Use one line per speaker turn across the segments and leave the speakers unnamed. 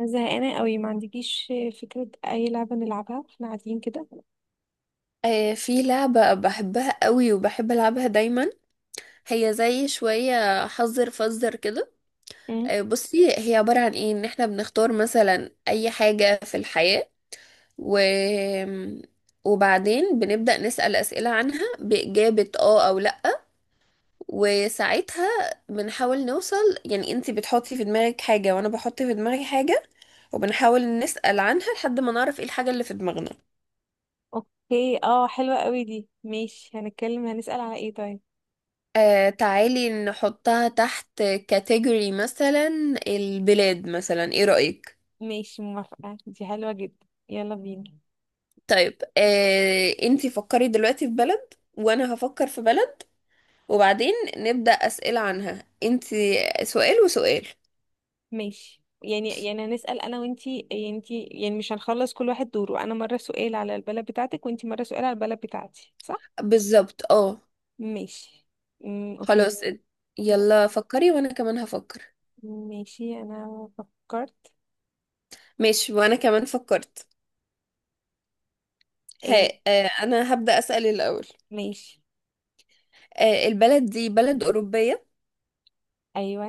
أنا زهقانة قوي، ما عندكيش فكرة أي لعبة نلعبها واحنا قاعدين كده.
آه، في لعبة بحبها قوي وبحب ألعبها دايما. هي زي شوية حذر فزر كده.
مم.
آه، بصي هي عبارة عن ايه؟ ان احنا بنختار مثلا اي حاجة في الحياة، و... وبعدين بنبدأ نسأل أسئلة عنها بإجابة اه أو لأ، وساعتها بنحاول نوصل. يعني انتي بتحطي في دماغك حاجة وانا بحط في دماغي حاجة، وبنحاول نسأل عنها لحد ما نعرف ايه الحاجة اللي في دماغنا.
اوكي، اه حلوة قوي دي، ماشي هنتكلم. هنسأل على ايه طيب؟
آه، تعالي نحطها تحت كاتيجوري مثلا. البلاد مثلا، ايه رأيك؟
ماشي موافقة، دي حلوة جدا، يلا بينا.
طيب آه، انتي فكري دلوقتي في بلد وانا هفكر في بلد، وبعدين نبدأ أسئلة عنها. انتي سؤال وسؤال.
ماشي، يعني هنسأل انا وانتي، يعني انتي يعني مش هنخلص؟ كل واحد دوره، انا مرة سؤال على البلد بتاعتك وانتي مرة سؤال على البلد بتاعتي، صح؟
بالظبط اه.
ماشي. اوكي.
خلاص،
يلا.
يلا فكري وانا كمان هفكر.
ماشي انا فكرت.
ماشي، وانا كمان فكرت. ها
ايه؟
آه، انا هبدأ أسأل الأول.
ماشي.
آه، البلد دي بلد أوروبية؟
ايوه.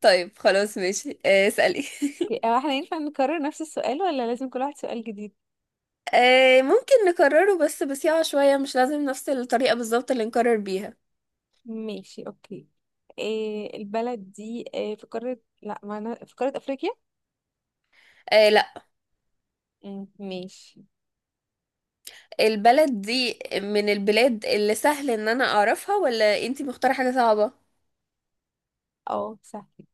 طيب خلاص ماشي، آه اسألي.
اوكي، هو احنا ينفع نكرر نفس السؤال ولا لازم كل واحد سؤال جديد؟
آه، ممكن نكرره بس بسياقة شوية، مش لازم نفس الطريقة بالظبط اللي نكرر بيها.
ماشي اوكي. إيه البلد دي، إيه؟ في قارة، لا، ما انا في قارة افريقيا.
آه، لا.
مم، ماشي.
البلد دي من البلاد اللي سهل ان انا اعرفها، ولا انتي مختارة حاجة صعبة؟
اه سهل.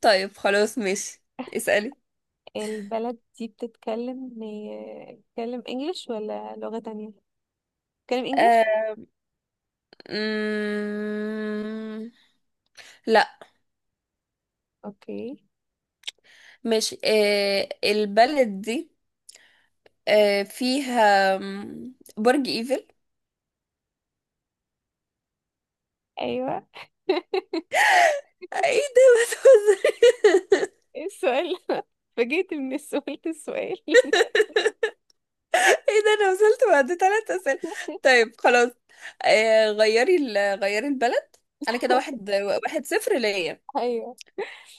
طيب خلاص ماشي، اسألي.
البلد دي بتتكلم إيه، بتتكلم انجلش ولا لغة تانية؟ بتتكلم انجلش؟
آه. مم... لا.
اوكي.
ماشي، آه البلد دي آه فيها برج ايفل؟
ايوه.
آه، ايه ده؟
ايه السؤال ده؟ فجيت من السؤال
ايه ده، انا وصلت بعد 3 اسئله؟ طيب خلاص، آه غيري غيري البلد. انا كده 1-1-0 ليا.
ايوه.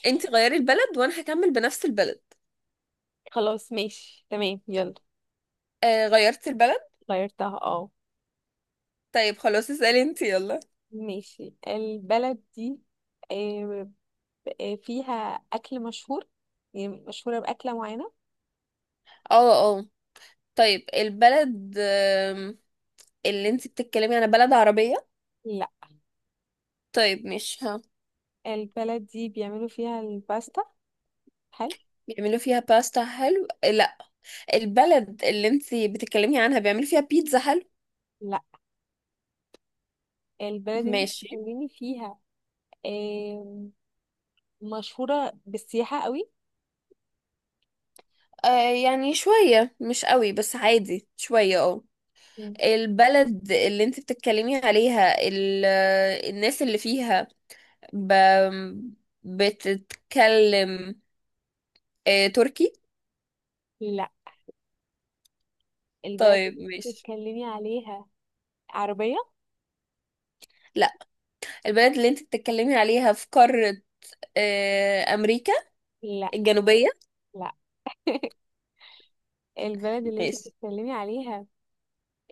انت غيري البلد وانا هكمل بنفس البلد.
خلاص ماشي تمام، يلا.
آه، غيرت البلد؟
غيرتها اه.
طيب خلاص، اسالي انت يلا.
ماشي. البلد دي آه، فيها أكل مشهور، يعني مشهورة بأكلة معينة.
اه اه. طيب البلد اللي انت بتتكلمي عنها بلد عربيه؟
لا.
طيب مش ها.
البلد دي بيعملوا فيها الباستا؟ هل؟
بيعملوا فيها باستا حلو؟ آه، لا. البلد اللي انت بتتكلمي عنها بيعملوا فيها بيتزا حلو؟
لا. البلد دي
ماشي.
بتتكلمي فيها؟ آم، مشهورة بالسياحة قوي.
آه يعني شويه، مش قوي بس عادي شويه، اه.
مم.
البلد اللي انت بتتكلمي عليها الناس اللي فيها ب... بتتكلم آه، تركي؟
لا. البلد
طيب
اللي انت
ماشي.
بتتكلمي عليها عربية؟
لا. البلد اللي انت بتتكلمي عليها في قارة آه، أمريكا
لا.
الجنوبية؟
لا. البلد اللي انت
ماشي.
بتتكلمي عليها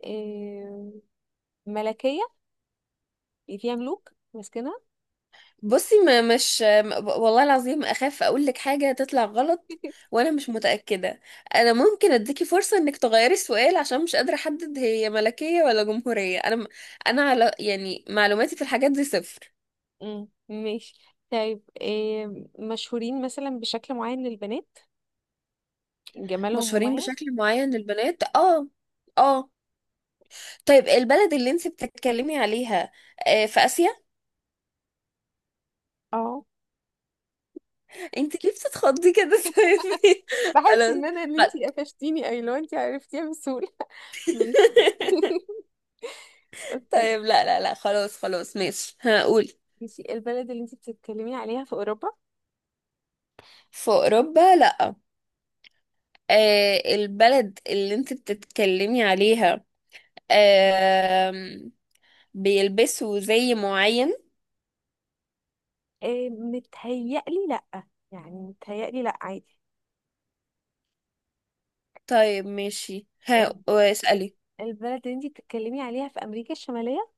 آم، ملكية؟ يعني فيها ملوك ماسكنها؟
بصي، ما مش والله العظيم أخاف أقول لك حاجة تطلع غلط. وأنا مش متأكدة. أنا ممكن أديكي فرصة إنك تغيري السؤال، عشان مش قادرة أحدد هي ملكية ولا جمهورية. أنا على يعني معلوماتي في الحاجات دي صفر.
مم، ماشي. طيب مشهورين مثلا بشكل معين للبنات، جمالهم
مشهورين
مميز؟
بشكل معين للبنات، اه اه. طيب البلد اللي انت بتتكلمي عليها آه، في آسيا؟
اه.
انت ليه بتتخضي كده؟ سامي.
بحس
خلاص.
ان انا اللي
خلاص.
انتي قفشتيني، اي لو انتي عرفتيها بسهولة. ماشي. اوكي.
طيب، لا لا لا، خلاص خلاص ماشي هقول.
ماشي. البلد اللي انت بتتكلمي عليها في اوروبا؟
في أوروبا، لا. آه، البلد اللي انت بتتكلمي عليها آم، بيلبسوا زي معين؟
متهيألي لأ، يعني متهيألي لأ عادي.
طيب ماشي، ها
آه،
اسألي.
البلد اللي انت بتتكلمي عليها في امريكا الشمالية؟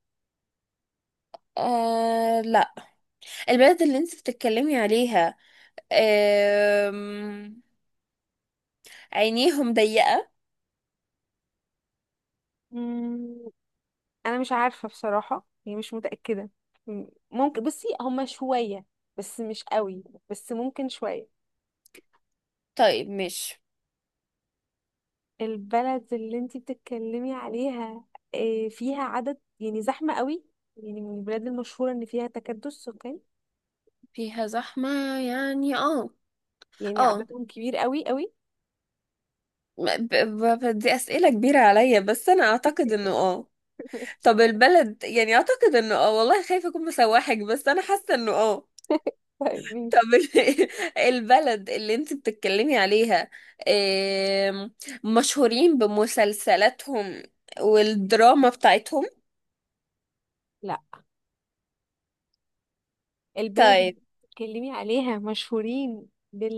آه لا. البلد اللي انت بتتكلمي عليها أم... عينيهم ضيقة؟
مم، انا مش عارفة بصراحة، يعني مش متأكدة. مم، ممكن، بصي هما شوية بس مش قوي، بس ممكن شوية.
طيب مش.
البلد اللي انتي بتتكلمي عليها فيها عدد يعني زحمة قوي، يعني من البلاد المشهورة ان فيها تكدس سكان،
فيها زحمة، يعني اه
يعني
اه.
عددهم كبير قوي قوي.
دي أسئلة كبيرة عليا، بس أنا أعتقد إنه اه.
ماشي.
طب البلد يعني أعتقد إنه اه، والله خايفة أكون مسوحك، بس أنا حاسة إنه اه.
طيب ماشي.
طب البلد اللي انت بتتكلمي عليها أم، مشهورين بمسلسلاتهم والدراما بتاعتهم؟
لا. البلد اللي
طيب
بتتكلمي عليها مشهورين بال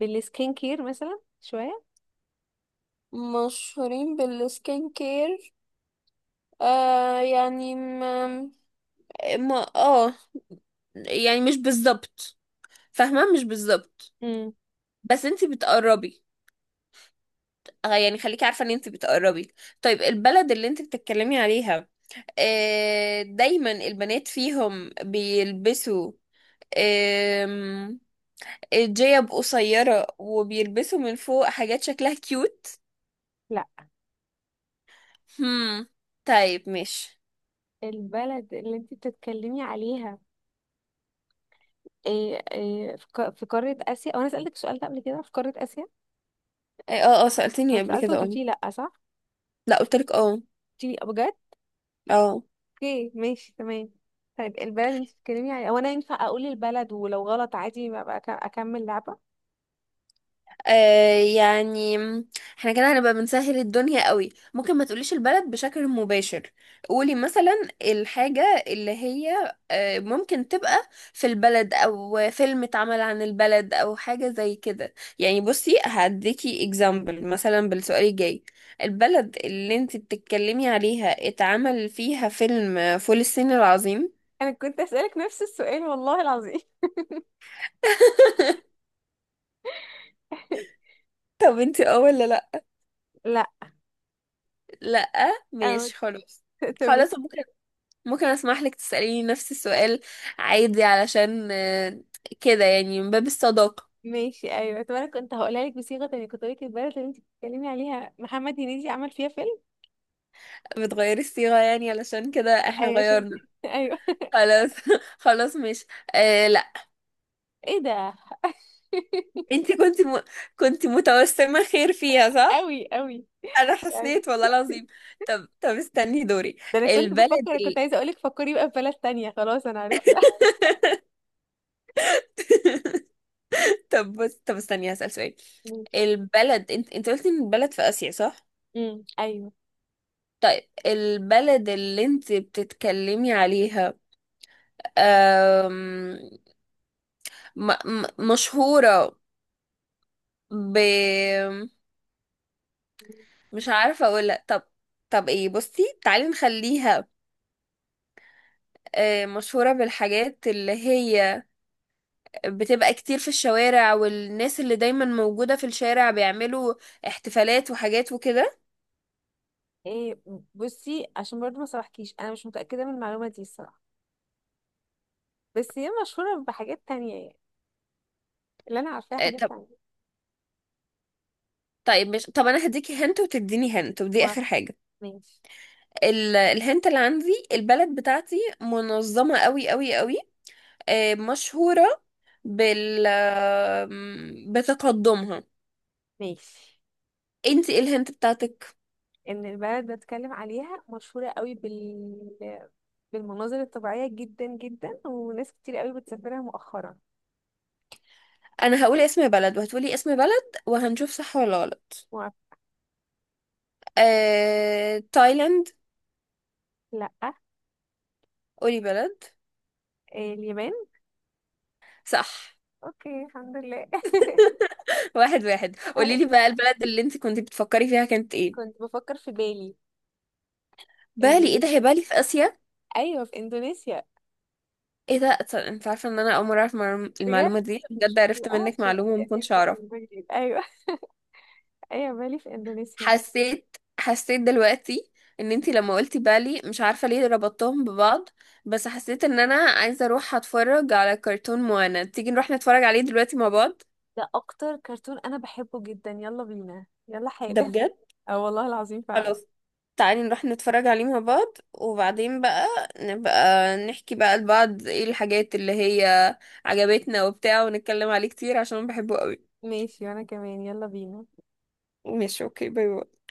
بالسكين كير مثلا شوية.
مشهورين بالسكين كير، آه يعني ما اه، يعني مش بالظبط فاهمة، مش بالظبط.
امم.
بس انتي بتقربي، آه، يعني خليكي عارفة ان انتي بتقربي. طيب البلد اللي انتي بتتكلمي عليها آه دايما البنات فيهم بيلبسوا آم، جيب قصيرة وبيلبسوا من فوق حاجات شكلها كيوت؟
لا.
هم. طيب ماشي.
البلد اللي انتي بتتكلمي عليها، إيه إيه في في قارة آسيا؟ أو أنا سألتك السؤال ده قبل كده، في قارة آسيا؟
اه اه، سألتني
أنا
قبل
سألته
كده
وأنت
اه.
قلتي لأ، صح؟
لا، قلتلك اه.
قلتي لي بجد؟
اه.
اوكي ماشي تمام. طيب البلد انت بتتكلمي، يعني او انا ينفع اقول البلد ولو غلط عادي ما بقى اكمل لعبة؟
آه يعني احنا كده هنبقى بنسهل الدنيا قوي. ممكن ما تقوليش البلد بشكل مباشر. قولي مثلا الحاجة اللي هي آه ممكن تبقى في البلد، او فيلم اتعمل عن البلد، او حاجة زي كده. يعني بصي، هديكي example مثلا بالسؤال الجاي. البلد اللي انت بتتكلمي عليها اتعمل فيها فيلم فول الصين العظيم؟
انا كنت اسالك نفس السؤال والله العظيم.
طب انت اه ولا لا؟
لا.
لا،
أو...
ماشي خلاص.
تمام.
خلاص، بكرة ممكن اسمح لك تسأليني نفس السؤال عادي، علشان آه، كده يعني من باب الصداقة.
ماشي ايوه. طب انا كنت هقولها لك بصيغة تانية، كنت هقول لك البلد اللي انت بتتكلمي عليها محمد هنيدي عمل فيها فيلم.
بتغيري الصيغة يعني، علشان كده احنا
ايوه عشان
غيرنا.
ايوه.
خلاص. خلاص مش. آه لا.
ايه ده؟
انتي كنت كنت متوسمة خير فيها، صح؟
قوي قوي
انا
يعني.
حسيت والله العظيم. طب استني دوري.
ده انا كنت
البلد
بفكر، كنت
ال...
عايزه اقولك فكري بقى في بلد تانية، خلاص انا عرفت.
طب بص، طب استني هسأل سؤال.
ماشي.
البلد انت قلتي ان البلد في آسيا، صح؟
ايوه.
طيب البلد اللي انت بتتكلمي عليها م م مشهورة ب، مش عارفة اقولها. طب، طب ايه، بصي تعالي نخليها آه، مشهورة بالحاجات اللي هي بتبقى كتير في الشوارع، والناس اللي دايما موجودة في الشارع بيعملوا احتفالات وحاجات وكده.
إيه؟ بصي عشان برضو ما صرحكيش، انا مش متاكده من المعلومه دي الصراحه، بس هي مشهوره بحاجات تانية يعني، اللي انا عارفاها
آه،
حاجات
طب
تانية.
طيب مش طب، انا هديكي هنت وتديني هنت، ودي اخر
موافقه.
حاجة.
ماشي.
الهنت اللي عندي، البلد بتاعتي منظمة قوي قوي قوي. آه، مشهورة بال بتقدمها.
ماشي.
انتي ايه الهنت بتاعتك؟
ان البلد بتكلم عليها مشهوره قوي بالمناظر الطبيعيه جدا جدا، وناس كتير قوي بتسافرها مؤخرا.
انا هقول اسم بلد وهتقولي اسم بلد، وهنشوف صح ولا غلط.
موافقه.
آه... تايلاند.
لا.
قولي بلد.
إيه، اليابان؟
صح.
اوكي الحمد لله.
1-1، قولي
أهي،
لي بقى البلد اللي انت كنت بتفكري فيها كانت ايه.
كنت بفكر في بالي.
بالي، ايه
اندونيسيا،
ده؟ هي بالي في اسيا؟
ايوه في اندونيسيا.
ايه ده، انت عارفه ان انا اول مره اعرف
بجد؟
المعلومه دي؟ بجد
شفت
عرفت
بقى،
منك
شفت.
معلومه ما كنتش اعرف.
ايوه. ايه، بالي في اندونيسيا.
حسيت، حسيت دلوقتي ان انت لما قلتي بالي مش عارفه ليه ربطتهم ببعض، بس حسيت ان انا عايزه اروح اتفرج على كرتون موانا. تيجي نروح نتفرج عليه دلوقتي مع بعض؟
ده اكتر كرتون انا بحبه جدا، يلا بينا يلا
ده
حالا.
بجد.
اه والله العظيم فعلا.
خلاص، تعالي نروح نتفرج عليه مع بعض، وبعدين بقى نبقى نحكي بقى لبعض ايه الحاجات اللي هي عجبتنا وبتاع، ونتكلم عليه كتير عشان بحبه قوي.
ماشي وانا كمان، يلا بينا.
ماشي اوكي، باي باي.